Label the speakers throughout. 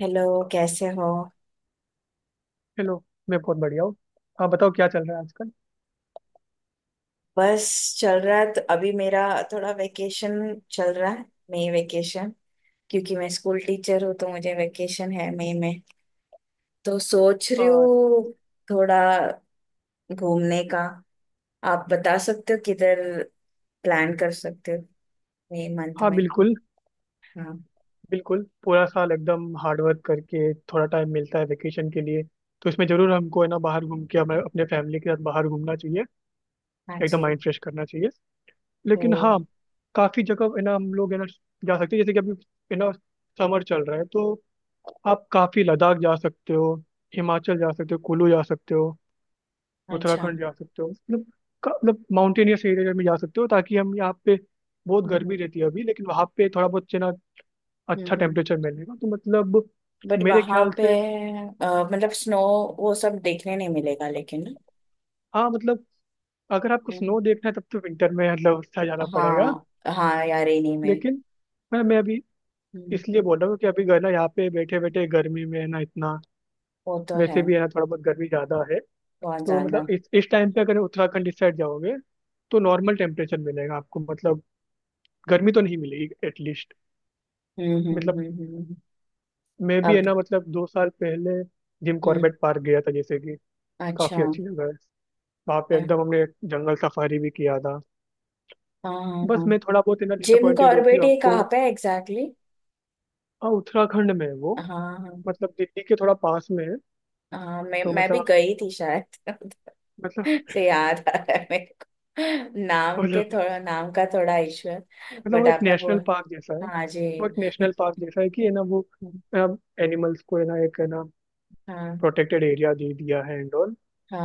Speaker 1: Hello. कैसे हो?
Speaker 2: चलो, मैं बहुत बढ़िया हूँ। हाँ, बताओ क्या चल रहा है आजकल।
Speaker 1: बस, चल रहा है। तो अभी मेरा थोड़ा वेकेशन चल रहा है, मई वेकेशन। क्योंकि मैं स्कूल टीचर हूँ तो मुझे वेकेशन है मई में। तो सोच रही
Speaker 2: हाँ,
Speaker 1: हूँ थोड़ा घूमने का। आप बता सकते हो किधर प्लान कर सकते हो मई मंथ
Speaker 2: हाँ
Speaker 1: में।
Speaker 2: बिल्कुल।
Speaker 1: हाँ।
Speaker 2: बिल्कुल पूरा साल एकदम हार्ड वर्क करके थोड़ा टाइम मिलता है वेकेशन के लिए। तो इसमें जरूर हमको है ना बाहर घूम के हमें अपने फैमिली के साथ बाहर घूमना चाहिए।
Speaker 1: हाँ
Speaker 2: एकदम
Speaker 1: जी।
Speaker 2: माइंड फ्रेश करना चाहिए। लेकिन हाँ,
Speaker 1: वही।
Speaker 2: काफ़ी जगह है ना, हम लोग है ना जा सकते हैं, जैसे कि अभी है ना समर चल रहा है। तो आप काफ़ी लद्दाख जा सकते हो, हिमाचल जा सकते हो, कुल्लू जा सकते हो,
Speaker 1: अच्छा।
Speaker 2: उत्तराखंड जा सकते हो। मतलब मतलब माउंटेनियस एरिया में जा सकते हो, ताकि हम यहाँ पे बहुत गर्मी
Speaker 1: हम्म।
Speaker 2: रहती है अभी, लेकिन वहाँ पे थोड़ा बहुत ना अच्छा
Speaker 1: हम्म।
Speaker 2: टेम्परेचर मिलेगा। तो मतलब
Speaker 1: बट
Speaker 2: मेरे
Speaker 1: वहां
Speaker 2: ख्याल
Speaker 1: पे,
Speaker 2: से
Speaker 1: मतलब स्नो, वो सब देखने नहीं मिलेगा लेकिन।
Speaker 2: हाँ मतलब, अगर आपको स्नो देखना है तब तो विंटर में मतलब उससे जाना पड़ेगा।
Speaker 1: हाँ। हाँ यार इन्हीं में।
Speaker 2: लेकिन मैं अभी
Speaker 1: हम्म।
Speaker 2: इसलिए बोल रहा हूँ कि अभी ना यहाँ पे बैठे बैठे गर्मी में है ना इतना,
Speaker 1: वो तो है।
Speaker 2: वैसे भी है ना थोड़ा बहुत गर्मी ज़्यादा है।
Speaker 1: बहुत
Speaker 2: तो
Speaker 1: ज्यादा।
Speaker 2: मतलब इस टाइम पे अगर उत्तराखंड इस साइड जाओगे तो नॉर्मल टेम्परेचर मिलेगा आपको। मतलब गर्मी तो नहीं मिलेगी एटलीस्ट।
Speaker 1: हम्म हम्म
Speaker 2: मतलब
Speaker 1: हम्म हम्म, हम्म।
Speaker 2: मैं भी है
Speaker 1: अब।
Speaker 2: ना, मतलब 2 साल पहले जिम
Speaker 1: हम्म।
Speaker 2: कॉर्बेट पार्क गया था, जैसे कि
Speaker 1: अच्छा।
Speaker 2: काफी अच्छी जगह है। वहाँ पे
Speaker 1: हाँ।
Speaker 2: एकदम हमने जंगल सफारी भी किया था।
Speaker 1: हाँ।
Speaker 2: बस
Speaker 1: हाँ।
Speaker 2: मैं थोड़ा बहुत है ना
Speaker 1: जिम
Speaker 2: डिसअपॉइंटेड हूँ कि
Speaker 1: कॉर्बेट ये
Speaker 2: हमको।
Speaker 1: कहाँ पे एग्जैक्टली?
Speaker 2: हाँ, उत्तराखंड में है वो।
Speaker 1: हाँ। हाँ।
Speaker 2: मतलब दिल्ली के थोड़ा पास में है।
Speaker 1: हाँ, मैं
Speaker 2: तो
Speaker 1: मैं भी गई थी शायद।
Speaker 2: मतलब
Speaker 1: से याद आ रहा है मेरे को,
Speaker 2: मतलब
Speaker 1: नाम का थोड़ा इश्यू है।
Speaker 2: मतलब
Speaker 1: बट
Speaker 2: वो एक
Speaker 1: आपने बोल।
Speaker 2: नेशनल पार्क जैसा है।
Speaker 1: हाँ जी।
Speaker 2: वो एक नेशनल पार्क जैसा है कि है ना, वो एनिमल्स को है ना एक है ना
Speaker 1: हाँ
Speaker 2: प्रोटेक्टेड एरिया दे दिया है एंड ऑल।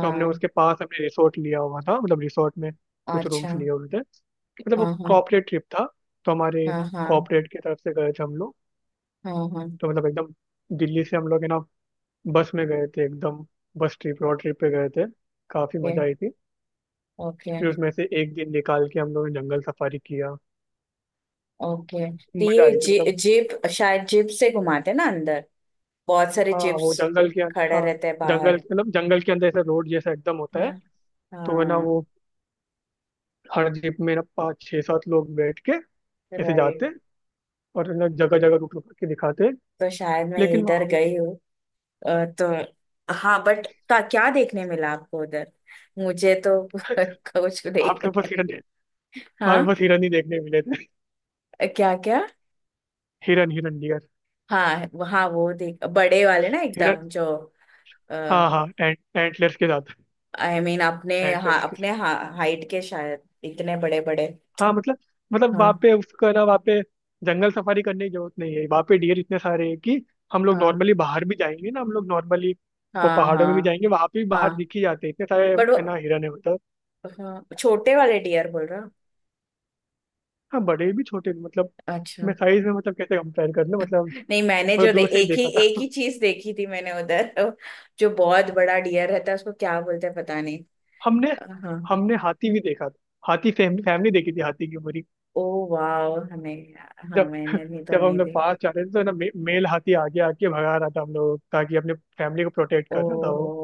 Speaker 2: तो हमने उसके पास हमने रिसोर्ट लिया हुआ था, मतलब रिसोर्ट में कुछ
Speaker 1: अच्छा।
Speaker 2: रूम्स लिए हुए थे। मतलब वो
Speaker 1: हाँ हाँ।
Speaker 2: कॉर्पोरेट ट्रिप था, तो हमारे
Speaker 1: हाँ हाँ।
Speaker 2: कॉर्पोरेट की तरफ से गए थे हम लोग।
Speaker 1: हाँ हाँ।
Speaker 2: तो मतलब एकदम दिल्ली से हम लोग है ना बस में गए थे एकदम। बस ट्रिप, रोड ट्रिप पे गए थे। काफी
Speaker 1: ओके।
Speaker 2: मजा आई थी।
Speaker 1: ओके।
Speaker 2: फिर उसमें से एक दिन निकाल के हम लोगों ने जंगल सफारी किया।
Speaker 1: ओके तो
Speaker 2: मजा
Speaker 1: ये
Speaker 2: आई थी मतलब।
Speaker 1: जिप, शायद जिप से घुमाते ना अंदर, बहुत सारे
Speaker 2: हाँ, वो
Speaker 1: जिप्स
Speaker 2: जंगल के अंदर,
Speaker 1: खड़े
Speaker 2: हाँ।
Speaker 1: रहते हैं
Speaker 2: जंगल
Speaker 1: बाहर।
Speaker 2: मतलब जंगल के अंदर ऐसा रोड जैसा एकदम होता है।
Speaker 1: हाँ
Speaker 2: तो है ना
Speaker 1: हाँ।
Speaker 2: वो हर जीप में ना पाँच छह सात लोग बैठ के ऐसे
Speaker 1: राइट।
Speaker 2: जाते। और ना जगह जगह रुक रुक के दिखाते।
Speaker 1: तो शायद मैं
Speaker 2: लेकिन वहाँ
Speaker 1: इधर
Speaker 2: हम
Speaker 1: गई हूँ। तो हाँ बट का क्या देखने मिला आपको उधर? मुझे तो कुछ
Speaker 2: वहाँ पे
Speaker 1: देखने।
Speaker 2: बस हिरन वहाँ पे
Speaker 1: हाँ।
Speaker 2: बस हिरन ही देखने मिले थे।
Speaker 1: क्या क्या?
Speaker 2: हिरन, हिरन, डियर,
Speaker 1: हाँ हाँ वो देख बड़े वाले ना
Speaker 2: हिरन।
Speaker 1: एकदम जो,
Speaker 2: हाँ
Speaker 1: आई
Speaker 2: हाँ, एंटलर्स के साथ।
Speaker 1: मीन अपने, हाँ
Speaker 2: एंटलर्स के साथ,
Speaker 1: अपने हाइट के शायद इतने बड़े बड़े।
Speaker 2: हाँ मतलब। मतलब वहाँ
Speaker 1: हाँ
Speaker 2: पे उसका ना वहाँ पे जंगल सफारी करने की जरूरत नहीं है, वहाँ पे डियर इतने सारे हैं कि हम लोग
Speaker 1: हाँ
Speaker 2: नॉर्मली बाहर भी जाएंगे ना, हम लोग नॉर्मली वो
Speaker 1: हाँ
Speaker 2: पहाड़ों में भी
Speaker 1: हाँ
Speaker 2: जाएंगे वहाँ पे भी बाहर
Speaker 1: हाँ।
Speaker 2: दिख ही जाते हैं इतने सारे।
Speaker 1: बट वो।
Speaker 2: है ना हिरन है मतलब।
Speaker 1: हाँ छोटे वाले डियर बोल रहा।
Speaker 2: हाँ, बड़े भी छोटे भी मतलब।
Speaker 1: अच्छा।
Speaker 2: मैं साइज में मतलब कैसे कंपेयर कर लूँ मतलब।
Speaker 1: नहीं, मैंने
Speaker 2: थोड़ा
Speaker 1: जो दे
Speaker 2: दूर से ही
Speaker 1: एक ही
Speaker 2: देखा
Speaker 1: एक
Speaker 2: था।
Speaker 1: ही चीज देखी थी मैंने उधर, जो बहुत बड़ा डियर रहता है उसको क्या बोलते हैं पता नहीं।
Speaker 2: हमने
Speaker 1: हाँ।
Speaker 2: हमने हाथी भी देखा था। हाथी फैमिली फैमिली देखी थी, हाथी की पूरी।
Speaker 1: ओ। वाह। हमें, हाँ
Speaker 2: जब
Speaker 1: मैंने भी तो
Speaker 2: जब हम
Speaker 1: नहीं
Speaker 2: लोग
Speaker 1: देखी।
Speaker 2: पास जा रहे थे तो ना मेल हाथी आगे आके भगा रहा था हम लोग, ताकि अपने फैमिली को प्रोटेक्ट
Speaker 1: ओ।
Speaker 2: कर रहा था वो।
Speaker 1: हो।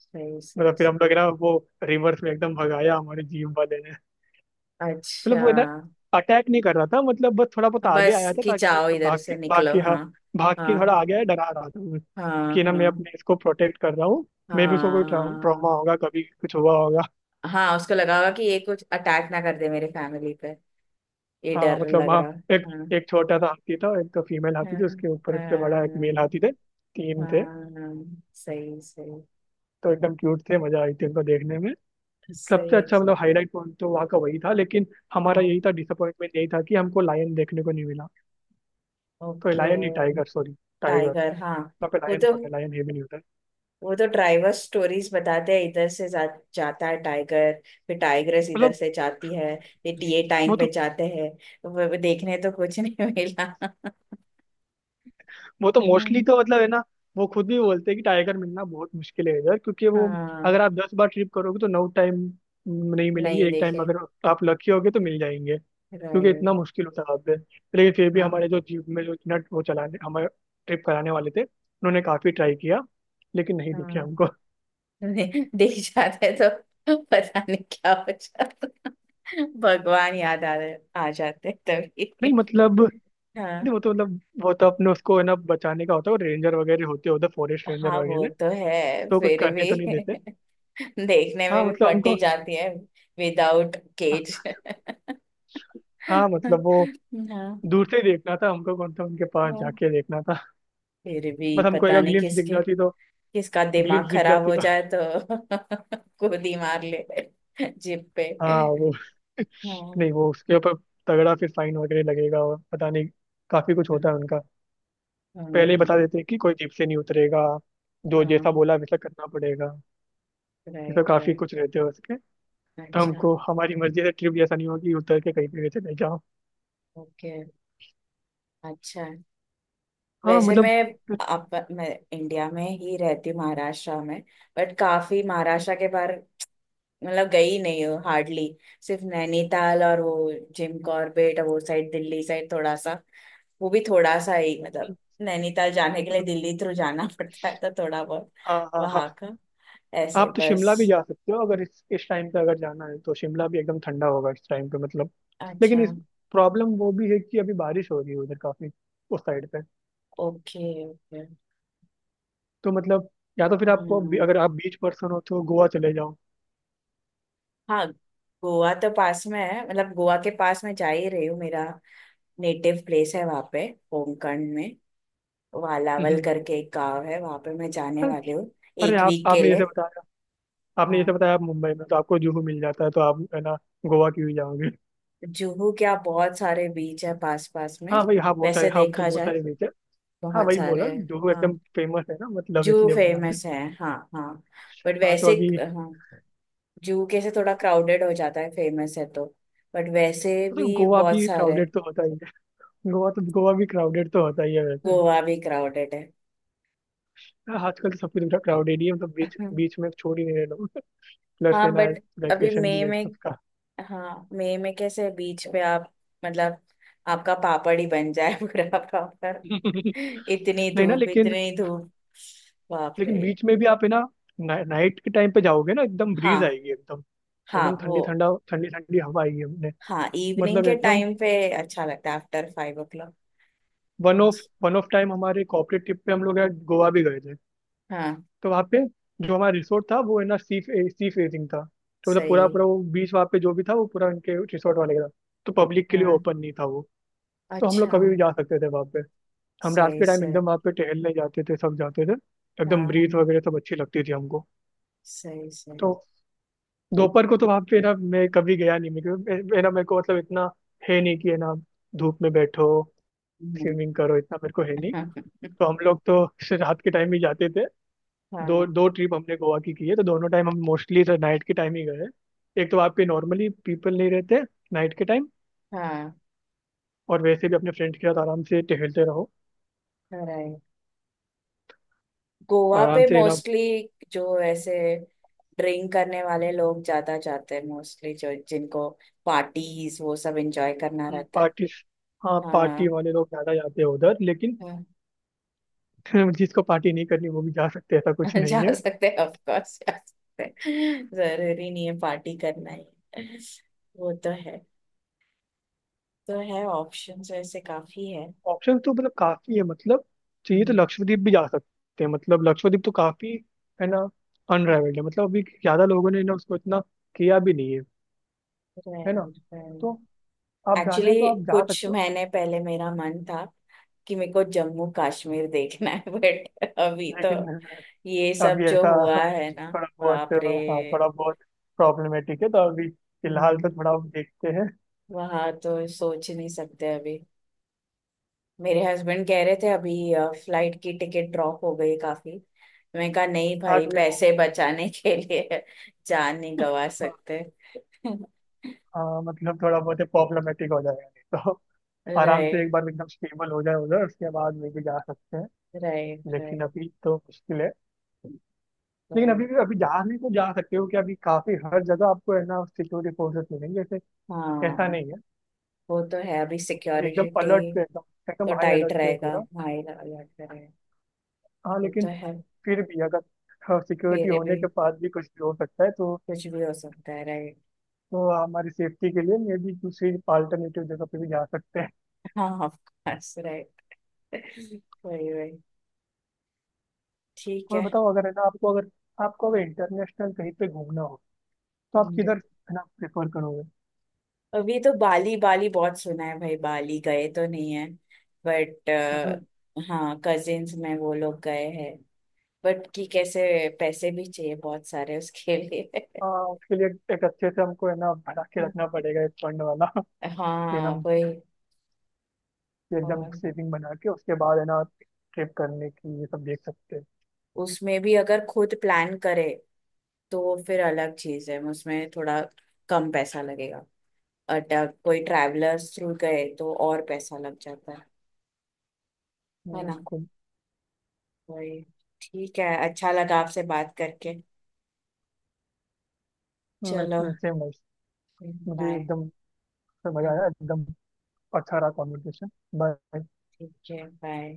Speaker 1: सही
Speaker 2: मतलब
Speaker 1: सही
Speaker 2: फिर हम
Speaker 1: सही।
Speaker 2: लोग ना वो रिवर्स में एकदम भगाया हमारे जीप वाले ने।
Speaker 1: अच्छा
Speaker 2: मतलब वो ना
Speaker 1: हाँ,
Speaker 2: अटैक नहीं कर रहा था, मतलब बस थोड़ा बहुत आगे
Speaker 1: बस
Speaker 2: आया था
Speaker 1: कि
Speaker 2: ताकि
Speaker 1: जाओ
Speaker 2: मतलब
Speaker 1: इधर
Speaker 2: भाग के
Speaker 1: से
Speaker 2: भाग
Speaker 1: निकलो।
Speaker 2: के, हाँ।
Speaker 1: हाँ।
Speaker 2: भाग के
Speaker 1: हाँ
Speaker 2: थोड़ा आगे आया, डरा रहा था वो
Speaker 1: हाँ।
Speaker 2: कि ना मैं
Speaker 1: हाँ
Speaker 2: अपने इसको प्रोटेक्ट कर रहा हूँ। मे भी उसको कोई ट्रॉमा
Speaker 1: हाँ
Speaker 2: होगा, कभी कुछ हुआ होगा।
Speaker 1: हाँ। उसको लगा होगा कि ये कुछ अटैक ना कर दे मेरे फैमिली पे, ये
Speaker 2: हाँ
Speaker 1: डर
Speaker 2: मतलब,
Speaker 1: लग
Speaker 2: हाँ।
Speaker 1: रहा।
Speaker 2: एक
Speaker 1: हाँ।
Speaker 2: एक छोटा सा हाथी था, एक तो फीमेल हाथी
Speaker 1: हाँ
Speaker 2: थी, उसके ऊपर उससे बड़ा एक
Speaker 1: हाँ
Speaker 2: मेल हाथी, थे तीन थे।
Speaker 1: हाँ। सही सही।
Speaker 2: तो एकदम क्यूट थे, मजा आई थी उनको देखने में।
Speaker 1: सही
Speaker 2: सबसे
Speaker 1: है।
Speaker 2: अच्छा मतलब हाईलाइट पॉइंट तो वहाँ का वही था। लेकिन हमारा यही
Speaker 1: हाँ।
Speaker 2: था डिसअपॉइंटमेंट, यही था कि हमको लायन देखने को नहीं मिला। तो
Speaker 1: ओके।
Speaker 2: लायन नहीं, टाइगर, सॉरी, टाइगर।
Speaker 1: टाइगर हाँ।
Speaker 2: वहाँ पे
Speaker 1: वो
Speaker 2: लायन
Speaker 1: तो
Speaker 2: होता है, लायन है भी नहीं होता है।
Speaker 1: वो तो ड्राइवर स्टोरीज बताते हैं, इधर से जाता है टाइगर, फिर टाइग्रेस इधर
Speaker 2: मतलब
Speaker 1: से जाती है, ये टीए
Speaker 2: वो
Speaker 1: टाइम
Speaker 2: तो
Speaker 1: पे जाते हैं। वो देखने तो कुछ नहीं मिला।
Speaker 2: वो तो मोस्टली
Speaker 1: हाँ।
Speaker 2: तो मतलब है ना वो खुद भी बोलते हैं कि टाइगर मिलना बहुत मुश्किल है इधर, क्योंकि वो
Speaker 1: हाँ।
Speaker 2: अगर आप 10 बार ट्रिप करोगे तो 9 टाइम नहीं मिलेंगे,
Speaker 1: नहीं
Speaker 2: एक टाइम
Speaker 1: देखे।
Speaker 2: अगर आप लकी होगे तो मिल जाएंगे। क्योंकि इतना
Speaker 1: राइट।
Speaker 2: मुश्किल होता है आपसे। लेकिन फिर भी
Speaker 1: हाँ
Speaker 2: हमारे जो जीप में जो इतना वो चलाने, हमारे ट्रिप कराने वाले थे, उन्होंने काफी ट्राई किया, लेकिन नहीं दिखे
Speaker 1: हाँ
Speaker 2: हमको।
Speaker 1: देख जाते हैं, तो पता नहीं क्या हो जाता, भगवान याद आ रहे, आ जाते तभी।
Speaker 2: नहीं मतलब
Speaker 1: हाँ।
Speaker 2: नहीं, वो तो मतलब वो तो अपने उसको है ना बचाने का होता है, वो रेंजर वगैरह होते हैं उधर, फॉरेस्ट रेंजर
Speaker 1: हाँ वो
Speaker 2: वगैरह।
Speaker 1: तो है
Speaker 2: तो कुछ
Speaker 1: फिर
Speaker 2: करने
Speaker 1: भी।
Speaker 2: तो नहीं देते।
Speaker 1: देखने
Speaker 2: हाँ
Speaker 1: में भी
Speaker 2: मतलब हमको,
Speaker 1: फटी जाती है विदाउट केज।
Speaker 2: हाँ मतलब वो
Speaker 1: हाँ
Speaker 2: दूर से ही देखना था हमको, कौन सा उनके पास
Speaker 1: हाँ,
Speaker 2: जाके देखना था।
Speaker 1: फिर भी
Speaker 2: बस हमको
Speaker 1: पता
Speaker 2: एक
Speaker 1: नहीं
Speaker 2: ग्लिम्स दिख
Speaker 1: किसके,
Speaker 2: जाती तो,
Speaker 1: किसका दिमाग
Speaker 2: ग्लिम्स दिख
Speaker 1: खराब
Speaker 2: जाती
Speaker 1: हो
Speaker 2: तो,
Speaker 1: जाए तो खुद ही मार ले जिप पे।
Speaker 2: हाँ वो।
Speaker 1: हाँ
Speaker 2: नहीं, वो उसके ऊपर तगड़ा फिर फाइन वगैरह लगेगा और पता नहीं, काफी कुछ
Speaker 1: हाँ
Speaker 2: होता है उनका। पहले ही बता देते कि कोई जीप से नहीं उतरेगा, जो जैसा
Speaker 1: हाँ।
Speaker 2: बोला वैसा करना पड़ेगा। ये तो
Speaker 1: राइट
Speaker 2: काफी
Speaker 1: राइट।
Speaker 2: कुछ रहते हैं उसके। तो
Speaker 1: अच्छा।
Speaker 2: हमको हमारी मर्जी से ट्रिप जैसा नहीं होगी उतर के कहीं पे भी चले जाओ।
Speaker 1: ओके। अच्छा है।
Speaker 2: हाँ
Speaker 1: वैसे मैं,
Speaker 2: मतलब।
Speaker 1: आप, मैं इंडिया में ही रहती हूँ, महाराष्ट्र में। बट काफी महाराष्ट्र के बाहर मतलब गई नहीं हूँ हार्डली। सिर्फ नैनीताल और वो जिम कॉर्बेट, और वो साइड दिल्ली साइड थोड़ा सा। वो भी थोड़ा सा ही मतलब, नैनीताल जाने के लिए दिल्ली थ्रू जाना पड़ता है, तो थोड़ा बहुत
Speaker 2: हाँ हाँ हाँ।
Speaker 1: वहां का ऐसे
Speaker 2: आप तो
Speaker 1: बस।
Speaker 2: शिमला भी जा सकते हो, अगर इस टाइम पे अगर जाना है तो शिमला भी एकदम ठंडा होगा इस टाइम पे मतलब।
Speaker 1: अच्छा।
Speaker 2: लेकिन इस प्रॉब्लम वो भी है कि अभी बारिश हो रही है उधर काफी, उस साइड पे।
Speaker 1: ओके। ओके।
Speaker 2: तो मतलब या तो फिर अगर
Speaker 1: हम्म।
Speaker 2: आप बीच पर्सन हो तो गोवा चले जाओ।
Speaker 1: हाँ, गोवा तो पास में है मतलब, गोवा के पास में जा ही रही हूँ। मेरा नेटिव प्लेस है वहाँ पे, होमखंड में। वालावल
Speaker 2: हम्म।
Speaker 1: करके एक गांव है वहाँ पे, मैं जाने
Speaker 2: अरे
Speaker 1: वाली हूँ
Speaker 2: अरे,
Speaker 1: एक
Speaker 2: आप
Speaker 1: वीक के
Speaker 2: आपने जैसे
Speaker 1: लिए।
Speaker 2: बताया,
Speaker 1: हाँ।
Speaker 2: आप मुंबई में तो आपको जुहू मिल जाता है तो आप है ना गोवा क्यों ही जाओगे।
Speaker 1: जुहू क्या, बहुत सारे बीच है पास पास में।
Speaker 2: हाँ भाई, हाँ बहुत सारे,
Speaker 1: वैसे
Speaker 2: हाँ वो तो
Speaker 1: देखा
Speaker 2: बहुत
Speaker 1: जाए
Speaker 2: सारे बीच है। हाँ
Speaker 1: बहुत
Speaker 2: वही बोला,
Speaker 1: सारे।
Speaker 2: जुहू
Speaker 1: हाँ
Speaker 2: एकदम फेमस है ना मतलब,
Speaker 1: जू
Speaker 2: इसलिए बोला मैं।
Speaker 1: फेमस है हाँ हाँ। बट
Speaker 2: हाँ, तो
Speaker 1: वैसे।
Speaker 2: अभी
Speaker 1: हाँ जू कैसे थोड़ा क्राउडेड हो जाता है, फेमस है तो। बट वैसे
Speaker 2: तो
Speaker 1: भी
Speaker 2: गोवा
Speaker 1: बहुत
Speaker 2: भी
Speaker 1: सारे,
Speaker 2: क्राउडेड तो होता ही है। गोवा भी क्राउडेड तो होता ही है वैसे।
Speaker 1: गोवा भी क्राउडेड है।
Speaker 2: हाँ, आजकल तो सब कुछ क्राउडेड ही है, मतलब बीच बीच में छोड़ ही नहीं रहे लोग। प्लस है
Speaker 1: हाँ
Speaker 2: ना
Speaker 1: बट अभी
Speaker 2: वैकेशन भी
Speaker 1: मई
Speaker 2: है तो
Speaker 1: में।
Speaker 2: सबका
Speaker 1: हाँ मई में कैसे बीच पे आप, मतलब आपका पापड़ ही बन जाए पूरा पापड़। इतनी
Speaker 2: नहीं ना
Speaker 1: धूप
Speaker 2: लेकिन,
Speaker 1: इतनी धूप। बाप रे।
Speaker 2: बीच में भी आप है ना ना, नाइट के टाइम पे जाओगे ना एकदम ब्रीज
Speaker 1: हाँ।
Speaker 2: आएगी एकदम,
Speaker 1: हाँ
Speaker 2: एकदम ठंडी
Speaker 1: वो।
Speaker 2: ठंडा ठंडी ठंडी हवा आएगी अपने।
Speaker 1: हाँ इवनिंग
Speaker 2: मतलब
Speaker 1: के
Speaker 2: एकदम
Speaker 1: टाइम पे अच्छा लगता है आफ्टर 5 o'clock। अच्छा।
Speaker 2: वन ऑफ टाइम हमारे कॉर्पोरेट ट्रिप पे हम लोग यार गोवा भी गए थे।
Speaker 1: हाँ।
Speaker 2: तो वहाँ पे जो हमारा रिसोर्ट था वो है ना सी सी फेसिंग था। तो मतलब पूरा
Speaker 1: सही।
Speaker 2: पूरा वो बीच वहाँ पे जो भी था वो पूरा उनके रिसोर्ट वाले का था। तो पब्लिक के लिए
Speaker 1: हाँ।
Speaker 2: ओपन नहीं था वो। तो हम लोग
Speaker 1: अच्छा।
Speaker 2: कभी भी जा सकते थे वहाँ पे। हम रात
Speaker 1: सही
Speaker 2: के टाइम
Speaker 1: सही।
Speaker 2: एकदम वहाँ पे टहलने जाते थे, सब जाते थे।
Speaker 1: हाँ
Speaker 2: एकदम
Speaker 1: हाँ
Speaker 2: ब्रीथ
Speaker 1: हाँ,
Speaker 2: वगैरह सब अच्छी लगती थी हमको।
Speaker 1: सही सही।
Speaker 2: तो दोपहर को तो वहाँ पे ना मैं कभी गया नहीं मैं, है ना मेरे को मतलब इतना है नहीं कि है ना धूप में बैठो,
Speaker 1: नहीं।
Speaker 2: स्विमिंग करो, इतना मेरे को है नहीं।
Speaker 1: हाँ।
Speaker 2: तो हम लोग तो रात के टाइम ही जाते थे। दो
Speaker 1: हाँ
Speaker 2: दो ट्रिप हमने गोवा की है, तो दोनों टाइम हम मोस्टली तो नाइट के टाइम ही गए हैं। एक तो आपके नॉर्मली पीपल नहीं रहते नाइट के टाइम,
Speaker 1: हाँ
Speaker 2: और वैसे भी अपने फ्रेंड्स के साथ आराम से टहलते रहो,
Speaker 1: हाँ, गोवा
Speaker 2: आराम
Speaker 1: पे
Speaker 2: से, अच्छा।
Speaker 1: मोस्टली जो ऐसे ड्रिंक करने वाले लोग ज्यादा जाते हैं, मोस्टली जो जिनको पार्टीज वो सब एंजॉय करना
Speaker 2: ना
Speaker 1: रहता है।
Speaker 2: पार्टी, हाँ पार्टी
Speaker 1: हाँ
Speaker 2: वाले लोग ज़्यादा जाते हैं उधर लेकिन
Speaker 1: हाँ।
Speaker 2: जिसको पार्टी नहीं करनी वो भी जा सकते हैं, ऐसा कुछ
Speaker 1: जा
Speaker 2: नहीं है।
Speaker 1: सकते हैं ऑफ कोर्स, जा सकते हैं, जरूरी नहीं है पार्टी करना ही। वो तो है। तो है, ऑप्शंस ऐसे काफी है।
Speaker 2: ऑप्शन तो मतलब काफ़ी है मतलब, चाहिए तो
Speaker 1: हम्म।
Speaker 2: लक्षद्वीप भी जा सकते हैं, मतलब लक्षद्वीप तो काफ़ी है ना अनराइवल्ड है, मतलब अभी ज़्यादा लोगों ने ना उसको इतना किया भी नहीं है। है ना,
Speaker 1: राइट
Speaker 2: तो
Speaker 1: राइट।
Speaker 2: आप जाना
Speaker 1: एक्चुअली
Speaker 2: है तो आप जा
Speaker 1: कुछ
Speaker 2: सकते हो।
Speaker 1: महीने पहले मेरा मन था कि मेरे को जम्मू कश्मीर देखना है बट अभी तो
Speaker 2: लेकिन
Speaker 1: ये
Speaker 2: अब
Speaker 1: सब
Speaker 2: ये
Speaker 1: जो
Speaker 2: था
Speaker 1: हुआ है ना।
Speaker 2: थोड़ा बहुत।
Speaker 1: बाप रे।
Speaker 2: हाँ, थोड़ा बहुत प्रॉब्लमेटिक है, तो अभी फिलहाल
Speaker 1: हम्म,
Speaker 2: तो थोड़ा देखते हैं।
Speaker 1: वहाँ तो सोच ही नहीं सकते अभी। मेरे हस्बैंड कह रहे थे अभी फ्लाइट की टिकट ड्रॉप हो गई काफी, मैं कहा नहीं
Speaker 2: हाँ,
Speaker 1: भाई,
Speaker 2: क्योंकि वो
Speaker 1: पैसे बचाने के लिए जान नहीं गवा
Speaker 2: हाँ,
Speaker 1: सकते।
Speaker 2: हाँ, मतलब थोड़ा बहुत प्रॉब्लमेटिक हो जाएगा नहीं तो। आराम से एक
Speaker 1: राइट।
Speaker 2: बार एकदम स्टेबल हो जाए उधर, उसके बाद में भी जा सकते हैं।
Speaker 1: राइट।
Speaker 2: लेकिन
Speaker 1: राइट
Speaker 2: अभी तो मुश्किल है। लेकिन अभी
Speaker 1: राइट।
Speaker 2: भी अभी जाने को जा सकते हो कि अभी काफी हर जगह आपको है ना सिक्योरिटी फोर्सेस मिलेंगे, जैसे ऐसा
Speaker 1: हाँ
Speaker 2: नहीं है।
Speaker 1: वो तो है अभी,
Speaker 2: अभी एकदम
Speaker 1: सिक्योरिटी
Speaker 2: अलर्ट पे, एकदम
Speaker 1: तो
Speaker 2: एकदम हाई
Speaker 1: टाइट
Speaker 2: अलर्ट पे है
Speaker 1: रहेगा,
Speaker 2: पूरा।
Speaker 1: हाई अलर्ट रहेगा।
Speaker 2: हाँ
Speaker 1: वो
Speaker 2: लेकिन
Speaker 1: तो है,
Speaker 2: फिर भी अगर सिक्योरिटी
Speaker 1: फिर
Speaker 2: होने
Speaker 1: भी
Speaker 2: के बाद भी कुछ भी हो सकता है, तो
Speaker 1: कुछ भी हो सकता है। राइट।
Speaker 2: तो हमारी सेफ्टी के लिए मे भी दूसरी अल्टरनेटिव जगह पे भी जा सकते हैं।
Speaker 1: हाँ ऑफ कोर्स राइट। वही वही। ठीक
Speaker 2: और
Speaker 1: है।
Speaker 2: बताओ, अगर है ना आपको अगर, इंटरनेशनल कहीं पे घूमना हो तो आप
Speaker 1: And
Speaker 2: किधर है ना प्रेफर करोगे।
Speaker 1: अभी तो बाली, बाली बहुत सुना है भाई, बाली गए तो नहीं है बट।
Speaker 2: हम्म,
Speaker 1: हाँ कजिन्स में वो लोग गए हैं बट, कि कैसे, पैसे भी चाहिए बहुत सारे उसके लिए।
Speaker 2: हाँ उसके लिए एक अच्छे से हमको है ना बना के रखना पड़ेगा, एक फंड वाला कि
Speaker 1: हाँ
Speaker 2: हम
Speaker 1: वही।
Speaker 2: एकदम
Speaker 1: और
Speaker 2: सेविंग बना के उसके बाद है ना ट्रिप करने की ये सब देख सकते हैं।
Speaker 1: उसमें भी अगर खुद प्लान करे तो वो फिर अलग चीज है, उसमें थोड़ा कम पैसा लगेगा। अटक कोई ट्रैवलर्स थ्रू गए तो और पैसा लग जाता है। है ना।
Speaker 2: बिल्कुल
Speaker 1: वही। ठीक है, अच्छा लगा आपसे बात करके। चलो
Speaker 2: सेम। मुझे
Speaker 1: बाय।
Speaker 2: एकदम समझ
Speaker 1: हाँ
Speaker 2: आया, एकदम अच्छा रहा कॉन्वर्सेशन। बाय।
Speaker 1: ठीक है बाय।